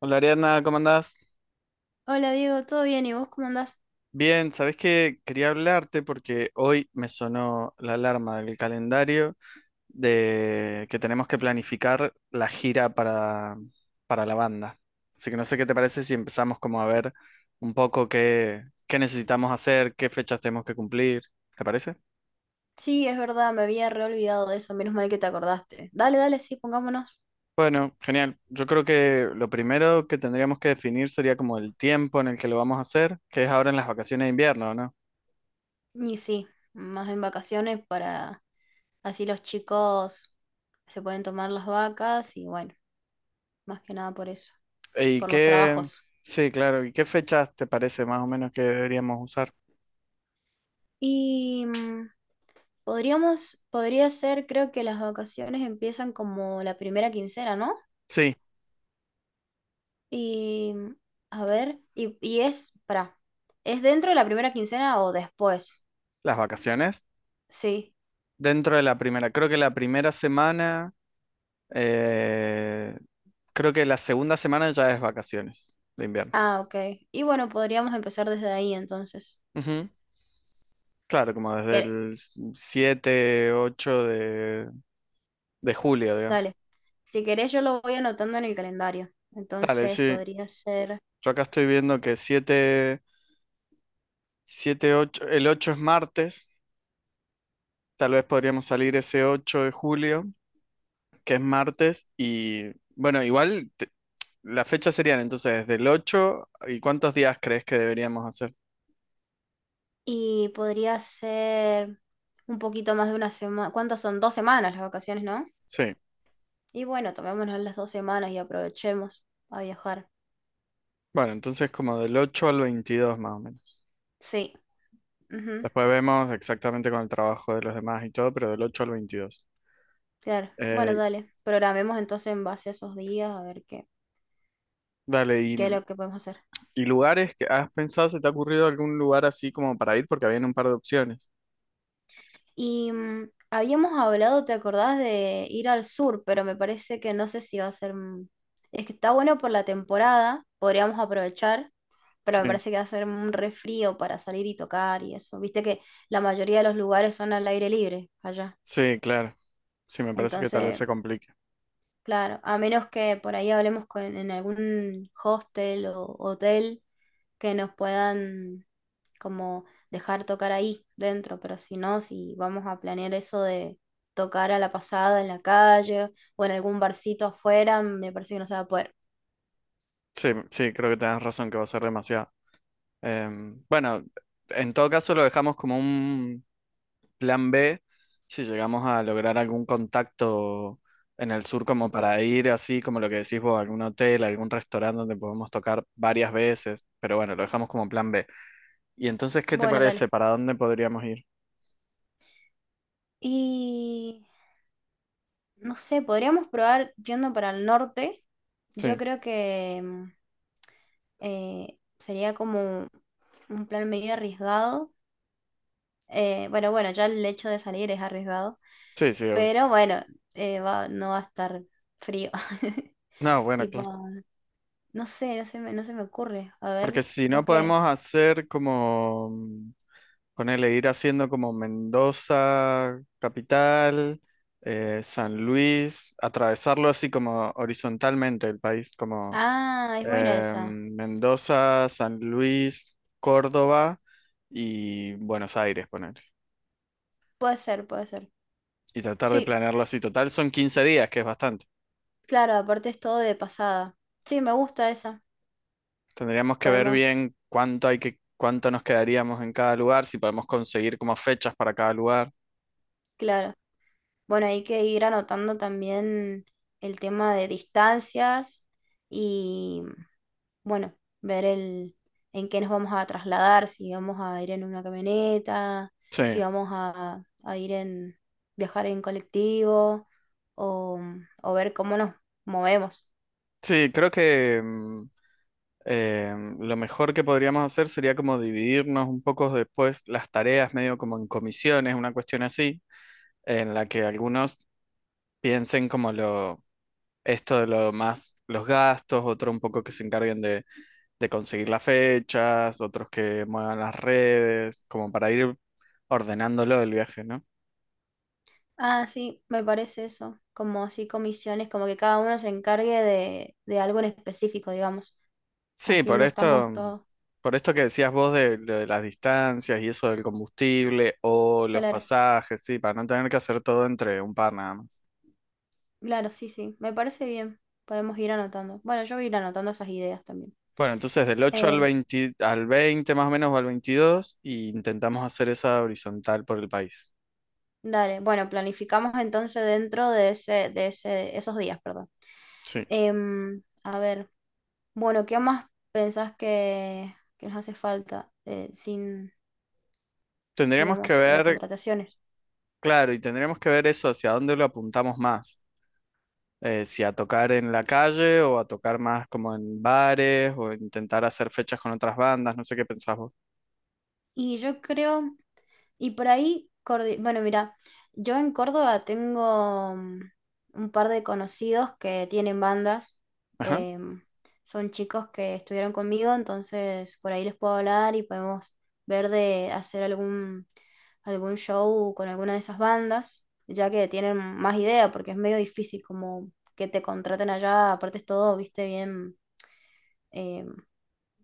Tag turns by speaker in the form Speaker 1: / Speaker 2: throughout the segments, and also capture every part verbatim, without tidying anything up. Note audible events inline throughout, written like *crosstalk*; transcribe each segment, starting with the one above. Speaker 1: Hola Ariana, ¿cómo andás?
Speaker 2: Hola Diego, ¿todo bien? ¿Y vos cómo andás?
Speaker 1: Bien, ¿sabés qué? Quería hablarte porque hoy me sonó la alarma del calendario de que tenemos que planificar la gira para, para la banda. Así que no sé qué te parece si empezamos como a ver un poco qué, qué necesitamos hacer, qué fechas tenemos que cumplir. ¿Te parece?
Speaker 2: Sí, es verdad, me había reolvidado de eso, menos mal que te acordaste. Dale, dale, sí, pongámonos.
Speaker 1: Bueno, genial. Yo creo que lo primero que tendríamos que definir sería como el tiempo en el que lo vamos a hacer, que es ahora en las vacaciones de invierno.
Speaker 2: Y sí, más en vacaciones para así los chicos se pueden tomar las vacas y bueno, más que nada por eso,
Speaker 1: ¿Y
Speaker 2: por los
Speaker 1: qué?
Speaker 2: trabajos.
Speaker 1: Sí, claro. ¿Y qué fechas te parece más o menos que deberíamos usar?
Speaker 2: Y mm, podríamos, podría ser, creo que las vacaciones empiezan como la primera quincena, ¿no?
Speaker 1: Sí,
Speaker 2: Y mm, a ver, y, y es, para, ¿es dentro de la primera quincena o después?
Speaker 1: las vacaciones.
Speaker 2: Sí.
Speaker 1: Dentro de la primera. Creo que la primera semana, eh, creo que la segunda semana ya es vacaciones de invierno.
Speaker 2: Ah, ok. Y bueno, podríamos empezar desde ahí entonces.
Speaker 1: Ujú. Claro, como desde
Speaker 2: Que-
Speaker 1: el siete ocho de, de julio, digamos.
Speaker 2: Dale. Si querés, yo lo voy anotando en el calendario.
Speaker 1: Dale,
Speaker 2: Entonces
Speaker 1: sí.
Speaker 2: podría ser.
Speaker 1: Yo acá estoy viendo que siete siete ocho, el ocho es martes. Tal vez podríamos salir ese ocho de julio, que es martes y bueno, igual te- las fechas serían entonces del ocho, y ¿cuántos días crees que deberíamos hacer?
Speaker 2: Y podría ser un poquito más de una semana. ¿Cuántas son? Dos semanas las vacaciones, ¿no?
Speaker 1: Sí,
Speaker 2: Y bueno, tomémonos las dos semanas y aprovechemos a viajar.
Speaker 1: bueno, entonces como del ocho al veintidós más o menos.
Speaker 2: Sí, ujú.
Speaker 1: Después vemos exactamente con el trabajo de los demás y todo, pero del ocho al veintidós.
Speaker 2: Claro. Bueno,
Speaker 1: Eh,
Speaker 2: dale. Programemos entonces en base a esos días a ver qué,
Speaker 1: Dale,
Speaker 2: qué es
Speaker 1: y,
Speaker 2: lo que podemos hacer.
Speaker 1: y lugares que has pensado, ¿se te ha ocurrido algún lugar así como para ir? Porque habían un par de opciones.
Speaker 2: Y mm, habíamos hablado, ¿te acordás de ir al sur? Pero me parece que no sé si va a ser... mm, Es que está bueno por la temporada, podríamos aprovechar, pero me
Speaker 1: Sí,
Speaker 2: parece que va a ser un re frío para salir y tocar y eso. Viste que la mayoría de los lugares son al aire libre allá.
Speaker 1: sí, claro. Sí, me parece que tal vez
Speaker 2: Entonces,
Speaker 1: se complique.
Speaker 2: claro, a menos que por ahí hablemos con, en algún hostel o hotel que nos puedan como dejar tocar ahí dentro, pero si no, si vamos a planear eso de tocar a la pasada en la calle o en algún barcito afuera, me parece que no se va a poder.
Speaker 1: Sí, sí, creo que tenés razón que va a ser demasiado. Em, bueno, en todo caso lo dejamos como un plan B si llegamos a lograr algún contacto en el sur como
Speaker 2: Ujú.
Speaker 1: para ir así, como lo que decís vos, a algún hotel, a algún restaurante donde podemos tocar varias veces, pero bueno, lo dejamos como plan B. ¿Y entonces qué te
Speaker 2: Bueno,
Speaker 1: parece?
Speaker 2: dale.
Speaker 1: ¿Para dónde podríamos ir?
Speaker 2: Y no sé, podríamos probar yendo para el norte. Yo
Speaker 1: Sí,
Speaker 2: creo que mm, eh, sería como un plan medio arriesgado. Eh, bueno, bueno, ya el hecho de salir es arriesgado,
Speaker 1: sí, sí, obvio.
Speaker 2: pero bueno, eh, va, no va a estar frío. *laughs*
Speaker 1: No, bueno,
Speaker 2: Tipo,
Speaker 1: claro.
Speaker 2: no sé, no se me, no se me ocurre. A
Speaker 1: Porque
Speaker 2: ver,
Speaker 1: si
Speaker 2: vos
Speaker 1: no podemos
Speaker 2: qué.
Speaker 1: hacer como... Ponele ir haciendo como Mendoza, capital, eh, San Luis, atravesarlo así como horizontalmente el país, como
Speaker 2: Ah, es buena
Speaker 1: eh,
Speaker 2: esa.
Speaker 1: Mendoza, San Luis, Córdoba y Buenos Aires, poner.
Speaker 2: Puede ser, puede ser.
Speaker 1: Y tratar de
Speaker 2: Sí,
Speaker 1: planearlo así. Total son quince días, que es bastante.
Speaker 2: claro, aparte es todo de pasada. Sí, me gusta esa.
Speaker 1: Tendríamos que ver
Speaker 2: Podemos,
Speaker 1: bien cuánto hay que, cuánto nos quedaríamos en cada lugar, si podemos conseguir como fechas para cada lugar.
Speaker 2: claro. Bueno, hay que ir anotando también el tema de distancias y bueno, ver el, en qué nos vamos a trasladar, si vamos a ir en una camioneta,
Speaker 1: Sí,
Speaker 2: si vamos a, a ir en, viajar en colectivo o, o ver cómo nos movemos.
Speaker 1: sí, creo que mm, Eh, lo mejor que podríamos hacer sería como dividirnos un poco después las tareas, medio como en comisiones, una cuestión así, en la que algunos piensen como lo, esto de lo más, los gastos, otro un poco que se encarguen de, de conseguir las fechas, otros que muevan las redes, como para ir ordenándolo el viaje, ¿no?
Speaker 2: Ah, sí, me parece eso, como así comisiones, como que cada uno se encargue de, de algo en específico, digamos.
Speaker 1: Sí,
Speaker 2: Así
Speaker 1: por
Speaker 2: no
Speaker 1: esto,
Speaker 2: estamos
Speaker 1: mm,
Speaker 2: todos.
Speaker 1: por esto que decías vos de, de las distancias y eso del combustible o los
Speaker 2: Claro,
Speaker 1: pasajes, sí, para no tener que hacer todo entre un par nada más.
Speaker 2: claro, sí, sí, me parece bien. Podemos ir anotando. Bueno, yo voy a ir anotando esas ideas también.
Speaker 1: Bueno, entonces del ocho al
Speaker 2: Em,
Speaker 1: veinte, al veinte más o menos o al veintidós, y intentamos hacer esa horizontal por el país.
Speaker 2: Dale, bueno, planificamos entonces dentro de ese, de ese, esos días, perdón.
Speaker 1: Sí.
Speaker 2: Em, a ver, bueno, ¿qué más pensás que, que nos hace falta eh, sin,
Speaker 1: Tendríamos que
Speaker 2: digamos, eh,
Speaker 1: ver,
Speaker 2: contrataciones?
Speaker 1: claro, y tendríamos que ver eso hacia dónde lo apuntamos más. Eh, si a tocar en la calle o a tocar más como en bares o intentar hacer fechas con otras bandas, no sé qué pensás vos.
Speaker 2: Y yo creo Y por ahí, Cordi- bueno, mira, yo en Córdoba tengo mm, un par de conocidos que tienen bandas.
Speaker 1: Ajá.
Speaker 2: em, Son chicos que estuvieron conmigo, entonces por ahí les puedo hablar y podemos ver de hacer algún, algún show con alguna de esas bandas, ya que tienen más idea, porque es medio difícil como que te contraten allá, aparte es todo, viste, bien em,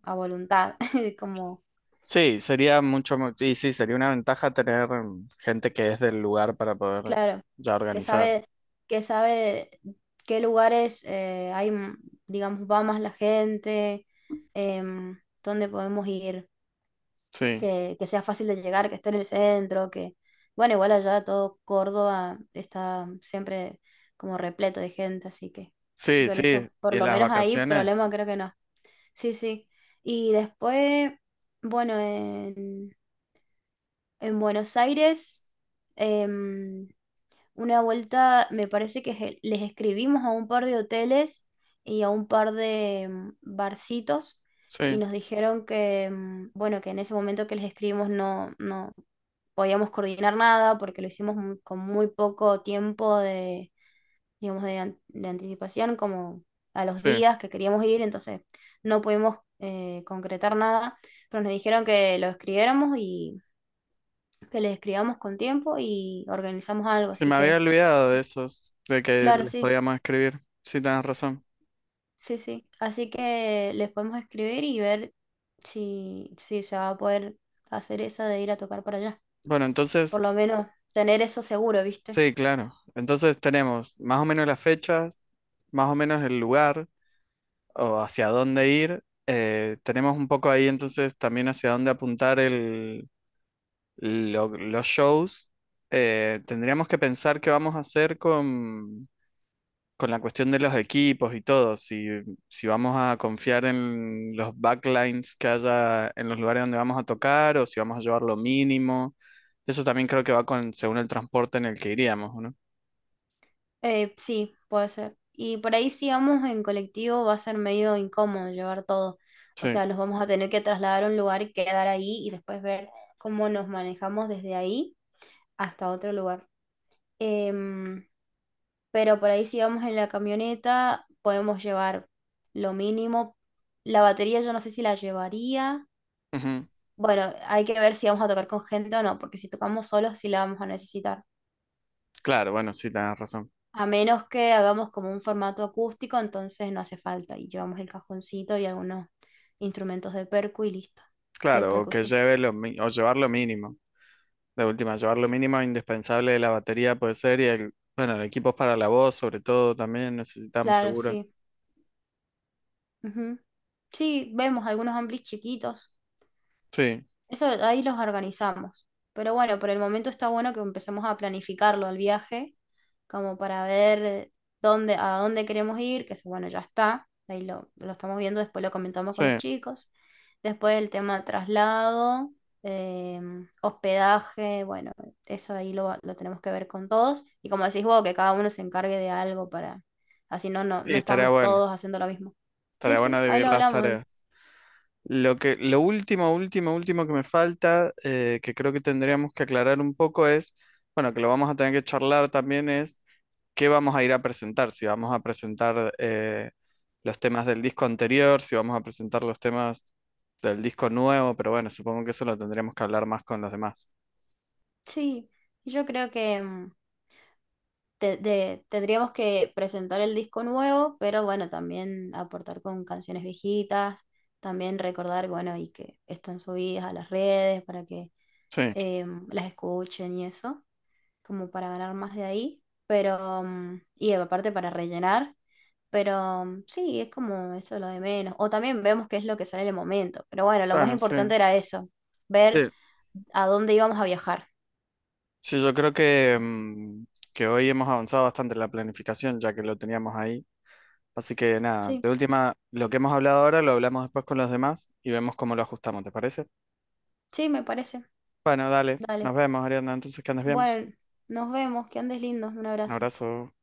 Speaker 2: a voluntad, *laughs* como...
Speaker 1: Sí, sería mucho, mo- y sí, sería una ventaja tener mm, gente que es del lugar para poder
Speaker 2: Claro,
Speaker 1: ya
Speaker 2: que
Speaker 1: organizar.
Speaker 2: sabe, que sabe qué lugares eh, hay, m- digamos, va más la gente, em, dónde podemos ir,
Speaker 1: Sí,
Speaker 2: que, que sea fácil de llegar, que esté en el centro, que, bueno, igual allá todo Córdoba está siempre como repleto de gente, así que
Speaker 1: sí,
Speaker 2: por
Speaker 1: sí.
Speaker 2: eso,
Speaker 1: Y
Speaker 2: por
Speaker 1: en
Speaker 2: lo
Speaker 1: las
Speaker 2: menos ahí,
Speaker 1: vacaciones,
Speaker 2: problema creo que no. Sí, sí. Y después, bueno, en, en Buenos Aires, em, una vuelta, me parece que je- les escribimos a un par de hoteles y a un par de mm, barcitos y
Speaker 1: sí,
Speaker 2: nos dijeron que, mm, bueno, que en ese momento que les escribimos no, no podíamos coordinar nada porque lo hicimos mu- con muy poco tiempo de, digamos, de, an- de anticipación, como a los
Speaker 1: sí.
Speaker 2: días que queríamos ir, entonces no pudimos eh, concretar nada, pero nos dijeron que lo escribiéramos y que les escribamos con tiempo y organizamos algo,
Speaker 1: Se
Speaker 2: así
Speaker 1: me había
Speaker 2: que...
Speaker 1: olvidado de esos, de que
Speaker 2: Claro,
Speaker 1: les
Speaker 2: sí.
Speaker 1: podíamos escribir. Sí, tenés razón.
Speaker 2: Sí, sí. Así que les podemos escribir y ver si, si se va a poder hacer esa de ir a tocar para allá.
Speaker 1: Bueno,
Speaker 2: Por
Speaker 1: entonces,
Speaker 2: lo menos tener eso seguro, ¿viste?
Speaker 1: sí, claro. Entonces tenemos más o menos las fechas, más o menos el lugar o hacia dónde ir. Eh, tenemos un poco ahí entonces también hacia dónde apuntar el, lo- los shows. Eh, tendríamos que pensar qué vamos a hacer con con la cuestión de los equipos y todo, si, si vamos a confiar en los backlines que haya en los lugares donde vamos a tocar o si vamos a llevar lo mínimo, eso también creo que va con, según el transporte en el que iríamos, ¿o ¿no?
Speaker 2: Eh, sí, puede ser. Y por ahí si vamos en colectivo va a ser medio incómodo llevar todo. O
Speaker 1: Sí.
Speaker 2: sea, nos vamos a tener que trasladar a un lugar y quedar ahí y después ver cómo nos manejamos desde ahí hasta otro lugar. Em, pero por ahí si vamos en la camioneta podemos llevar lo mínimo. La batería yo no sé si la llevaría.
Speaker 1: Ujú.
Speaker 2: Bueno, hay que ver si vamos a tocar con gente o no, porque si tocamos solos sí la vamos a necesitar.
Speaker 1: Claro, bueno, sí, tenés razón.
Speaker 2: A menos que hagamos como un formato acústico, entonces no hace falta y llevamos el cajoncito y algunos instrumentos de percu y listo, de
Speaker 1: Claro, o que
Speaker 2: percusión.
Speaker 1: lleve lo, mi- o llevar lo mínimo. De última, llevar lo
Speaker 2: Sí.
Speaker 1: mínimo indispensable de la batería puede ser y el, bueno, el equipo para la voz sobre todo también necesitamos
Speaker 2: Claro,
Speaker 1: seguro.
Speaker 2: sí. Ujú. Sí, vemos algunos amplis chiquitos.
Speaker 1: Sí,
Speaker 2: Eso ahí los organizamos. Pero bueno, por el momento está bueno que empecemos a planificarlo al viaje, como para ver dónde, a dónde queremos ir, que eso, bueno, ya está. Ahí lo, lo estamos viendo, después lo comentamos
Speaker 1: sí.
Speaker 2: con los chicos. Después el tema traslado, eh, hospedaje, bueno, eso ahí lo, va- lo tenemos que ver con todos. Y como decís vos, que cada uno se encargue de algo para, así no, no,
Speaker 1: Y
Speaker 2: no
Speaker 1: estaría
Speaker 2: estamos
Speaker 1: bueno,
Speaker 2: todos haciendo lo mismo. Sí,
Speaker 1: estaría
Speaker 2: sí,
Speaker 1: bueno
Speaker 2: ahí
Speaker 1: dividir
Speaker 2: lo
Speaker 1: las
Speaker 2: hablamos.
Speaker 1: tareas. Lo que, lo último, último, último que me falta, eh, que creo que tendríamos que aclarar un poco es, bueno, que lo vamos a tener que charlar también es qué vamos a ir a presentar, si vamos a presentar eh, los temas del disco anterior, si vamos a presentar los temas del disco nuevo, pero bueno, supongo que eso lo tendríamos que hablar más con los demás.
Speaker 2: Sí, yo creo que... em, te- de- tendríamos que presentar el disco nuevo, pero bueno, también aportar con canciones viejitas, también recordar, bueno, y que están subidas a las redes para que
Speaker 1: Sí,
Speaker 2: em, las escuchen y eso, como para ganar más de ahí, pero, mm, y aparte para rellenar, pero mm, sí, es como eso lo de menos, o también vemos qué es lo que sale en el momento, pero bueno, lo más
Speaker 1: bueno, sí.
Speaker 2: importante era eso, ver
Speaker 1: Sí,
Speaker 2: a dónde íbamos a viajar.
Speaker 1: sí, yo creo que, mm, que hoy hemos avanzado bastante en la planificación, ya que lo teníamos ahí. Así que nada,
Speaker 2: Sí,
Speaker 1: de última, lo que hemos hablado ahora lo hablamos después con los demás y vemos cómo lo ajustamos, ¿te parece?
Speaker 2: sí, me parece.
Speaker 1: Bueno, dale,
Speaker 2: Dale.
Speaker 1: nos vemos, Ariana, entonces que andes bien.
Speaker 2: Bueno, nos vemos, que andes lindo, un
Speaker 1: Un
Speaker 2: abrazo.
Speaker 1: abrazo.